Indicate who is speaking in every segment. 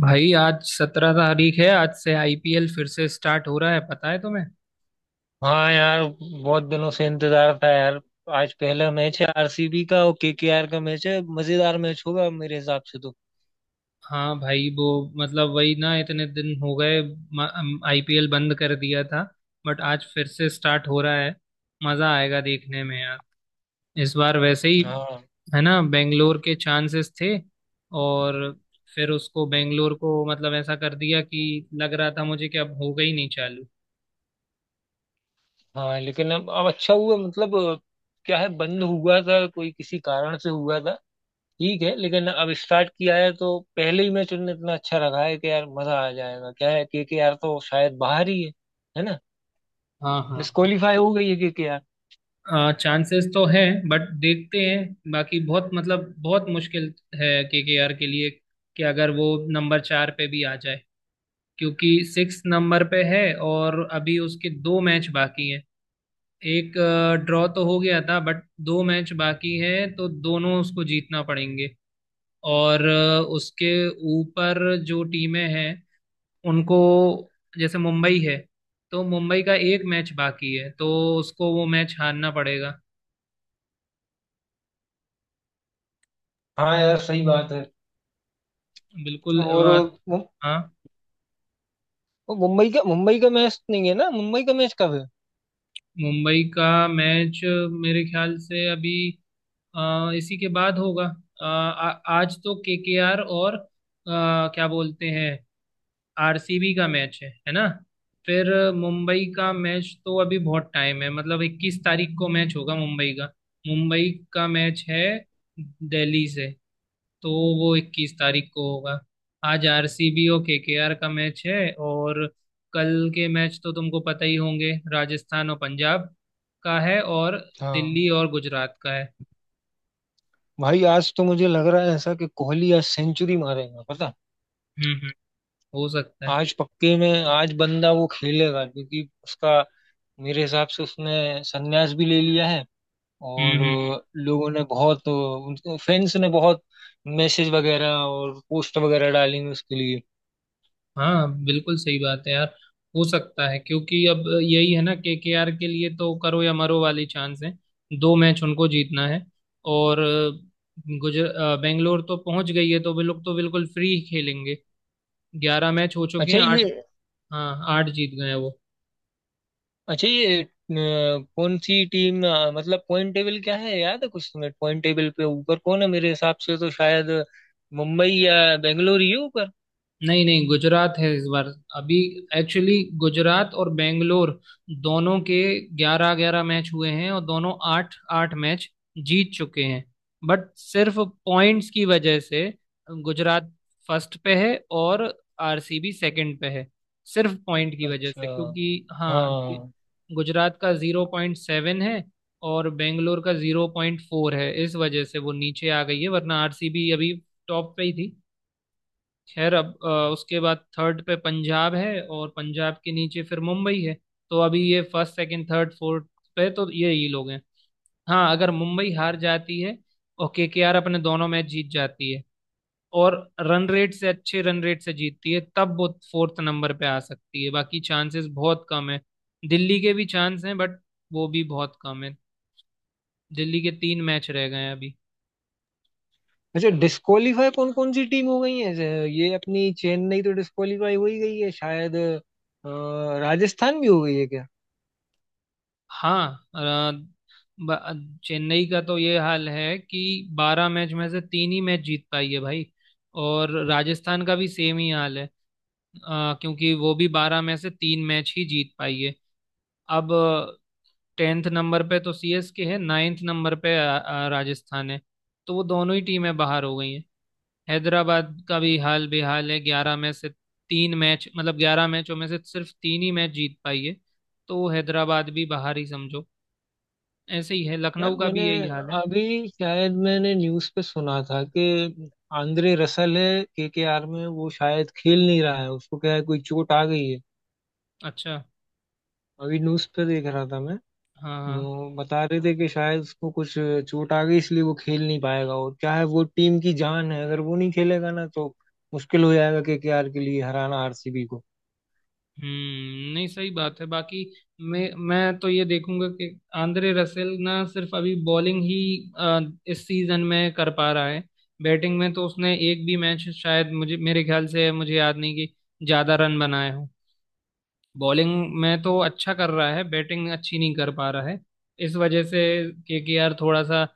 Speaker 1: भाई, आज 17 तारीख है। आज से आईपीएल फिर से स्टार्ट हो रहा है, पता है तुम्हें?
Speaker 2: हाँ यार। बहुत दिनों से इंतजार था यार। आज पहला मैच है आरसीबी का और केकेआर का मैच है। मजेदार मैच होगा मेरे हिसाब से तो।
Speaker 1: हाँ भाई। वो मतलब वही ना, इतने दिन हो गए, आईपीएल बंद कर दिया था, बट आज फिर से स्टार्ट हो रहा है। मजा आएगा देखने में यार। इस बार वैसे ही
Speaker 2: हाँ।
Speaker 1: है ना, बेंगलोर के चांसेस थे और फिर उसको बेंगलोर को मतलब ऐसा कर दिया कि लग रहा था मुझे कि अब होगा ही नहीं चालू।
Speaker 2: हाँ, लेकिन अब अच्छा हुआ मतलब, क्या है बंद हुआ था कोई किसी कारण से हुआ था। ठीक है लेकिन अब स्टार्ट किया है तो पहले ही मैच उन्होंने इतना अच्छा रखा है कि यार मजा आ जाएगा। क्या है, केकेआर तो शायद बाहर ही है ना।
Speaker 1: हाँ हाँ।
Speaker 2: डिस्क्वालीफाई हो गई है केकेआर।
Speaker 1: चांसेस तो हैं बट देखते हैं, बाकी बहुत मतलब बहुत मुश्किल है केकेआर के आर के लिए कि अगर वो नंबर 4 पे भी आ जाए, क्योंकि 6 नंबर पे है और अभी उसके दो मैच बाकी हैं। एक ड्रॉ तो हो गया था बट दो मैच बाकी हैं, तो दोनों उसको जीतना पड़ेंगे। और उसके ऊपर जो टीमें हैं उनको, जैसे मुंबई है, तो मुंबई का एक मैच बाकी है, तो उसको वो मैच हारना पड़ेगा।
Speaker 2: हाँ यार सही बात है।
Speaker 1: बिल्कुल।
Speaker 2: और
Speaker 1: और हाँ।
Speaker 2: वो मुंबई का मैच नहीं है ना। मुंबई का मैच कब है।
Speaker 1: मुंबई का मैच मेरे ख्याल से अभी इसी के बाद होगा। अ, आ, आज तो केकेआर और क्या बोलते हैं, आरसीबी का मैच है ना। फिर मुंबई का मैच तो अभी बहुत टाइम है, मतलब 21 तारीख को मैच होगा मुंबई का। मुंबई का मैच है दिल्ली से, तो वो 21 तारीख को होगा। आज आरसीबी और केकेआर का मैच है, और कल के मैच तो तुमको पता ही होंगे, राजस्थान और पंजाब का है और
Speaker 2: हाँ।
Speaker 1: दिल्ली और गुजरात का है।
Speaker 2: भाई आज तो मुझे लग रहा है ऐसा कि कोहली आज सेंचुरी मारेगा पता।
Speaker 1: हम्म। हो सकता है।
Speaker 2: आज पक्के में आज बंदा वो खेलेगा क्योंकि उसका मेरे हिसाब से उसने संन्यास भी ले लिया है।
Speaker 1: हम्म
Speaker 2: और
Speaker 1: हम्म हम्म।
Speaker 2: लोगों ने बहुत फैंस ने बहुत मैसेज वगैरह और पोस्ट वगैरह डाली हैं उसके लिए।
Speaker 1: हाँ बिल्कुल सही बात है यार। हो सकता है, क्योंकि अब यही है ना, केकेआर के लिए तो करो या मरो वाली चांस है। दो मैच उनको जीतना है। और बेंगलोर तो पहुंच गई है, तो वे लोग तो बिल्कुल फ्री खेलेंगे। 11 मैच हो चुके
Speaker 2: अच्छा
Speaker 1: हैं,
Speaker 2: ये
Speaker 1: आठ। हाँ, आठ जीत गए हैं वो।
Speaker 2: अच्छा ये अ, कौन सी टीम, मतलब पॉइंट टेबल क्या है, याद है कुछ तुम्हें। पॉइंट टेबल पे ऊपर कौन है, मेरे हिसाब से तो शायद मुंबई या बेंगलोर ही है ऊपर।
Speaker 1: नहीं नहीं, गुजरात है इस बार अभी। एक्चुअली गुजरात और बेंगलोर दोनों के ग्यारह ग्यारह मैच हुए हैं और दोनों आठ आठ मैच जीत चुके हैं, बट सिर्फ पॉइंट्स की वजह से गुजरात फर्स्ट पे है और आरसीबी सेकंड पे है, सिर्फ पॉइंट की वजह
Speaker 2: अच्छा।
Speaker 1: से। क्योंकि हाँ,
Speaker 2: हाँ।
Speaker 1: गुजरात का 0.7 है और बेंगलोर का 0.4 है, इस वजह से वो नीचे आ गई है, वरना आरसीबी अभी टॉप पे ही थी। खैर, अब उसके बाद थर्ड पे पंजाब है और पंजाब के नीचे फिर मुंबई है, तो अभी ये फर्स्ट सेकंड थर्ड फोर्थ पे तो ये ही लोग हैं। हाँ, अगर मुंबई हार जाती है और केकेआर अपने दोनों मैच जीत जाती है और रन रेट से, अच्छे रन रेट से जीतती है, तब वो फोर्थ नंबर पे आ सकती है। बाकी चांसेस बहुत कम है। दिल्ली के भी चांस हैं, बट वो भी बहुत कम है। दिल्ली के तीन मैच रह गए हैं अभी।
Speaker 2: अच्छा, डिस्क्वालीफाई कौन कौन सी टीम हो गई है। ये अपनी चेन्नई तो डिस्क्वालीफाई हो ही गई है, शायद राजस्थान भी हो गई है क्या।
Speaker 1: हाँ। अ, चेन्नई का तो ये हाल है कि 12 मैच में से तीन ही मैच जीत पाई है भाई। और राजस्थान का भी सेम ही हाल है, क्योंकि वो भी बारह में से तीन मैच ही जीत पाई है। अब टेंथ नंबर पे तो सीएसके है, नाइन्थ नंबर पे राजस्थान है, तो वो दोनों ही टीमें बाहर हो गई हैं। हैदराबाद का भी हाल बेहाल है, ग्यारह में से तीन मैच, मतलब ग्यारह मैचों में से सिर्फ तीन ही मैच जीत पाई है, तो हैदराबाद भी बाहर ही समझो। ऐसे ही है,
Speaker 2: यार
Speaker 1: लखनऊ का
Speaker 2: मैंने
Speaker 1: भी यही हाल है।
Speaker 2: अभी शायद मैंने न्यूज़ पे सुना था कि आंद्रे रसल है केकेआर में, वो शायद खेल नहीं रहा है, उसको क्या है कोई चोट आ गई है।
Speaker 1: अच्छा।
Speaker 2: अभी न्यूज़ पे देख रहा था मैं।
Speaker 1: हाँ हाँ।
Speaker 2: अ, बता रहे थे कि शायद उसको कुछ चोट आ गई, इसलिए वो खेल नहीं पाएगा। और क्या है, वो टीम की जान है। अगर वो नहीं खेलेगा ना तो मुश्किल हो जाएगा केकेआर के लिए हराना आरसीबी को।
Speaker 1: हम्म, नहीं सही बात है। बाकी मैं तो ये देखूंगा कि आंद्रे रसेल ना सिर्फ अभी बॉलिंग ही अ, इस सीजन में कर पा रहा है। बैटिंग में तो उसने एक भी मैच, शायद मुझे, मेरे ख्याल से मुझे याद नहीं कि ज्यादा रन बनाए हो। बॉलिंग में तो अच्छा कर रहा है, बैटिंग अच्छी नहीं कर पा रहा है, इस वजह से केकेआर थोड़ा सा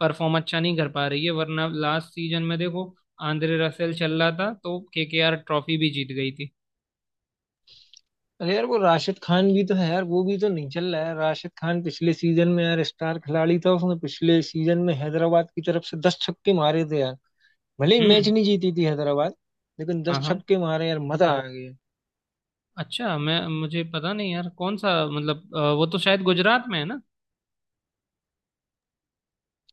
Speaker 1: परफॉर्म अच्छा नहीं कर पा रही है, वरना लास्ट सीजन में देखो, आंद्रे रसेल चल रहा था तो केकेआर ट्रॉफी भी जीत गई थी।
Speaker 2: अरे यार, वो राशिद खान भी तो है यार। वो भी तो नहीं चल रहा है। राशिद खान पिछले सीजन में यार स्टार खिलाड़ी था। उसने पिछले सीजन में हैदराबाद की तरफ से 10 छक्के मारे थे यार। भले ही मैच
Speaker 1: हम्म।
Speaker 2: नहीं जीती थी हैदराबाद। लेकिन 10
Speaker 1: हाँ हाँ।
Speaker 2: छक्के मारे यार, मजा आ गया।
Speaker 1: अच्छा, मैं, मुझे पता नहीं यार कौन सा, मतलब वो तो शायद गुजरात में है ना।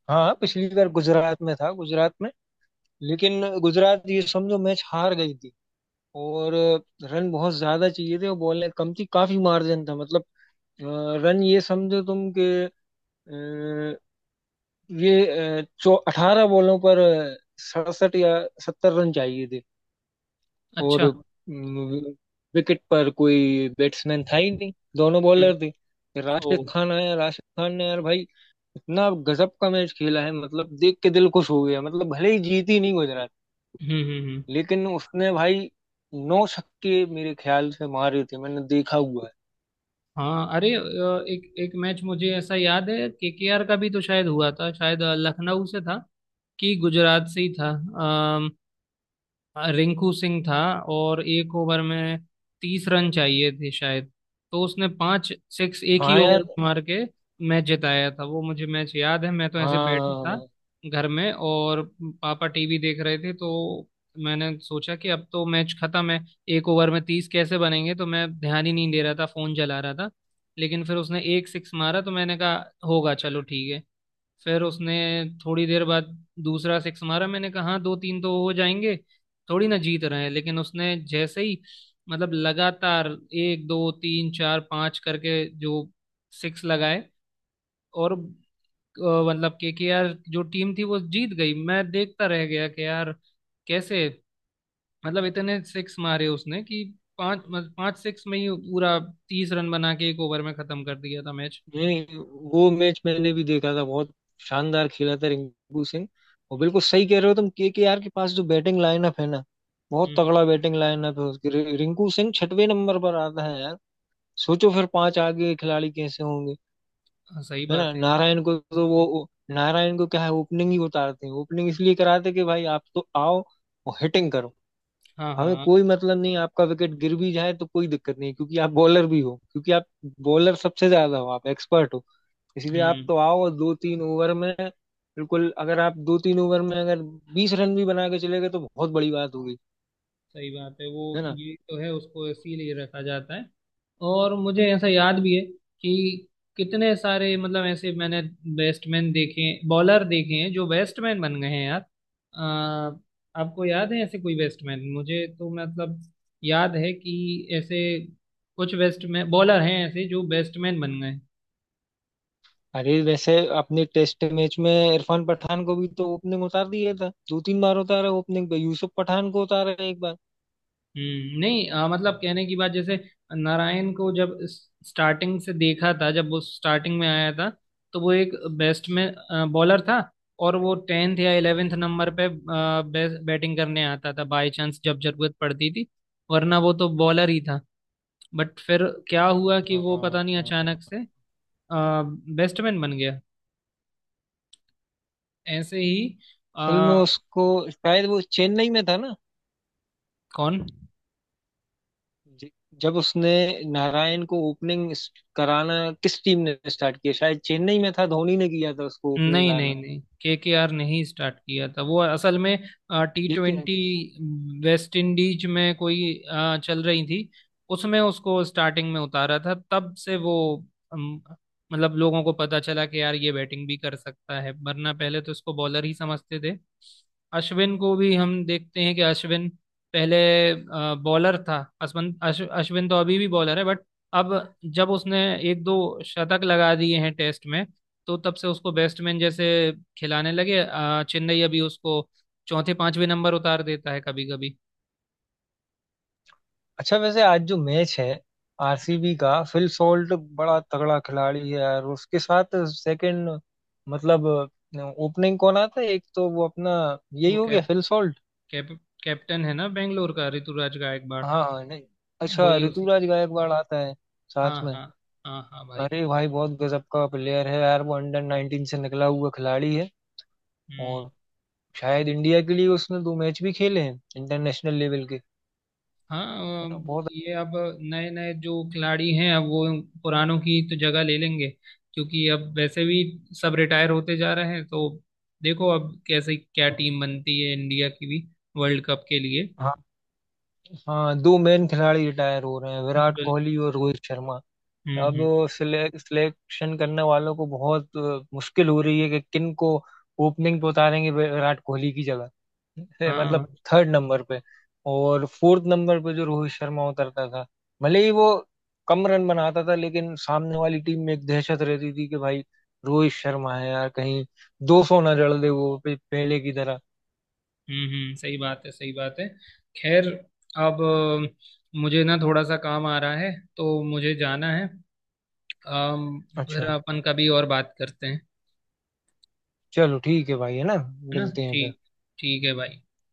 Speaker 2: हाँ पिछली बार गुजरात में था, गुजरात में। लेकिन गुजरात, ये समझो, मैच हार गई थी। और रन बहुत ज्यादा चाहिए थे और बॉलें कम थी, काफी मार्जिन था। मतलब, अ, रन ये समझो तुम के, ये चौ 18 बॉलों पर 67 या 70 रन चाहिए थे। और
Speaker 1: अच्छा।
Speaker 2: विकेट पर कोई बैट्समैन था ही नहीं, दोनों
Speaker 1: हम्म।
Speaker 2: बॉलर थे। फिर राशिद
Speaker 1: ओ।
Speaker 2: खान आया, राशिद खान ने यार भाई इतना गजब का मैच खेला है, मतलब देख के दिल खुश हो गया। मतलब भले ही जीती नहीं गुजरात,
Speaker 1: हम्म।
Speaker 2: लेकिन उसने भाई नौ छक्के मेरे ख्याल से मारे थे, मैंने देखा हुआ है।
Speaker 1: हाँ अरे, एक एक मैच मुझे ऐसा याद है, केकेआर का भी तो शायद हुआ था, शायद लखनऊ से था कि गुजरात से ही था। रिंकू सिंह था और एक ओवर में 30 रन चाहिए थे शायद, तो उसने पांच सिक्स एक ही
Speaker 2: हाँ यार।
Speaker 1: ओवर में मार के मैच जिताया था। वो मुझे मैच याद है, मैं तो ऐसे बैठा था
Speaker 2: हाँ
Speaker 1: घर में और पापा टीवी देख रहे थे, तो मैंने सोचा कि अब तो मैच खत्म है, एक ओवर में तीस कैसे बनेंगे, तो मैं ध्यान ही नहीं दे रहा था, फोन चला रहा था। लेकिन फिर उसने एक सिक्स मारा तो मैंने कहा, होगा, चलो ठीक है। फिर उसने थोड़ी देर बाद दूसरा सिक्स मारा, मैंने कहा हाँ, दो तीन तो हो जाएंगे, थोड़ी ना जीत रहे हैं। लेकिन उसने जैसे ही, मतलब लगातार एक दो तीन चार पांच करके जो सिक्स लगाए, और मतलब के आर जो टीम थी वो जीत गई। मैं देखता रह गया कि यार कैसे, मतलब इतने सिक्स मारे उसने कि पांच, मतलब पांच सिक्स में ही पूरा 30 रन बना के एक ओवर में खत्म कर दिया था मैच।
Speaker 2: नहीं, वो मैच मैंने भी देखा था। बहुत शानदार खेला था रिंकू सिंह। और बिल्कुल सही कह रहे हो तुम, केकेआर के पास जो बैटिंग लाइनअप है ना, बहुत
Speaker 1: हम्म।
Speaker 2: तगड़ा बैटिंग लाइनअप है उसकी। रिंकू सिंह छठवें नंबर पर आता है यार। सोचो फिर पांच आगे खिलाड़ी कैसे होंगे,
Speaker 1: हाँ, सही
Speaker 2: है
Speaker 1: बात
Speaker 2: ना।
Speaker 1: है।
Speaker 2: नारायण को, क्या है, ओपनिंग ही उतारते हैं। ओपनिंग इसलिए कराते हैं कि भाई आप तो आओ और हिटिंग करो।
Speaker 1: हाँ
Speaker 2: हमें
Speaker 1: हाँ।
Speaker 2: कोई मतलब नहीं आपका विकेट गिर भी जाए तो कोई दिक्कत नहीं, क्योंकि आप बॉलर भी हो, क्योंकि आप बॉलर सबसे ज्यादा हो, आप एक्सपर्ट हो। इसीलिए आप
Speaker 1: हम्म,
Speaker 2: तो आओ और दो तीन ओवर में, बिल्कुल, अगर आप दो तीन ओवर में अगर 20 रन भी बना के चले गए तो बहुत बड़ी बात होगी,
Speaker 1: सही बात है वो।
Speaker 2: है ना।
Speaker 1: ये तो है, उसको इसीलिए रखा जाता है। और मुझे ऐसा याद भी है कि कितने सारे, मतलब ऐसे मैंने बैट्समैन देखे, बॉलर देखे हैं जो बैट्समैन बन गए हैं यार। अ, आपको याद है ऐसे कोई बैट्समैन? मुझे तो मतलब याद है कि ऐसे कुछ बैट्समैन बॉलर हैं ऐसे जो बैट्समैन बन गए।
Speaker 2: अरे वैसे अपने टेस्ट मैच में इरफान पठान को भी तो ओपनिंग उतार दिया था, दो तीन बार उतारा ओपनिंग पे। यूसुफ पठान को उतारा एक बार।
Speaker 1: हम्म, नहीं मतलब कहने की बात, जैसे नारायण को जब स्टार्टिंग से देखा था, जब वो स्टार्टिंग में आया था, तो वो एक बेस्ट में बॉलर था और वो टेंथ या इलेवेंथ नंबर पे बेस्ट बैटिंग करने आता था बाय चांस, जब जरूरत पड़ती थी, वरना वो तो बॉलर ही था। बट फिर क्या हुआ कि वो पता नहीं
Speaker 2: हाँ,
Speaker 1: अचानक से बेस्टमैन बन गया। ऐसे ही अ,
Speaker 2: असल में उसको शायद वो चेन्नई में था ना।
Speaker 1: कौन।
Speaker 2: ज- जब उसने नारायण को ओपनिंग कराना, किस टीम ने स्टार्ट किया, शायद चेन्नई में था, धोनी ने किया था उसको ओपनिंग
Speaker 1: नहीं नहीं
Speaker 2: लाना,
Speaker 1: नहीं, केकेआर नहीं स्टार्ट किया था वो असल में। टी
Speaker 2: ठीक है।
Speaker 1: ट्वेंटी वेस्ट इंडीज में कोई चल रही थी, उसमें उसको स्टार्टिंग में उतारा था, तब से वो अम, मतलब लोगों को पता चला कि यार ये बैटिंग भी कर सकता है, वरना पहले तो इसको बॉलर ही समझते थे। अश्विन को भी हम देखते हैं कि अश्विन पहले बॉलर था। अश्विन तो अभी भी बॉलर है, बट अब जब उसने एक दो शतक लगा दिए हैं टेस्ट में, तो तब से उसको बैट्समैन जैसे खिलाने लगे चेन्नई। अभी उसको चौथे पांचवें नंबर उतार देता है कभी कभी।
Speaker 2: अच्छा, वैसे आज जो मैच है आरसीबी का, फिल सॉल्ट बड़ा तगड़ा खिलाड़ी है यार। उसके साथ सेकंड, मतलब ओपनिंग कौन आता है, एक तो वो अपना, यही
Speaker 1: वो
Speaker 2: हो गया,
Speaker 1: cap
Speaker 2: Phil Salt.
Speaker 1: Cap captain है ना बेंगलोर का, ऋतुराज गायकवाड़।
Speaker 2: हाँ हाँ, नहीं, अच्छा,
Speaker 1: वही, उसी।
Speaker 2: ऋतुराज गायकवाड़ आता है साथ
Speaker 1: हाँ
Speaker 2: में।
Speaker 1: हाँ। हाँ हाँ भाई।
Speaker 2: अरे भाई बहुत गजब का प्लेयर है यार। वो अंडर 19 से निकला हुआ खिलाड़ी है। और
Speaker 1: हम्म।
Speaker 2: शायद इंडिया के लिए उसने दो मैच भी खेले हैं, इंटरनेशनल लेवल के,
Speaker 1: हाँ
Speaker 2: है ना, बहुत।
Speaker 1: ये अब नए नए जो खिलाड़ी हैं, अब वो पुरानों की तो जगह ले लेंगे, क्योंकि अब वैसे भी सब रिटायर होते जा रहे हैं। तो देखो अब कैसे, क्या टीम बनती है इंडिया की भी वर्ल्ड कप के लिए।
Speaker 2: हाँ, हाँ, दो मेन खिलाड़ी रिटायर हो रहे हैं, विराट
Speaker 1: बिल-
Speaker 2: कोहली और रोहित शर्मा। अब
Speaker 1: हम्म।
Speaker 2: सिलेक्शन करने वालों को बहुत मुश्किल हो रही है कि किन को ओपनिंग पे उतारेंगे विराट कोहली की जगह, है, मतलब
Speaker 1: हाँ।
Speaker 2: थर्ड नंबर पे। और फोर्थ नंबर पे जो रोहित शर्मा उतरता था, भले ही वो कम रन बनाता था, लेकिन सामने वाली टीम में एक दहशत रहती थी कि भाई रोहित शर्मा है यार, कहीं 200 ना जड़ दे वो पहले की तरह।
Speaker 1: सही बात है, सही बात है। खैर, अब मुझे ना थोड़ा सा काम आ रहा है, तो मुझे जाना है। अम, फिर
Speaker 2: अच्छा,
Speaker 1: अपन कभी और बात करते हैं।
Speaker 2: चलो ठीक है भाई, है ना।
Speaker 1: है ना,
Speaker 2: मिलते हैं फिर।
Speaker 1: ठीक? ठीक है भाई।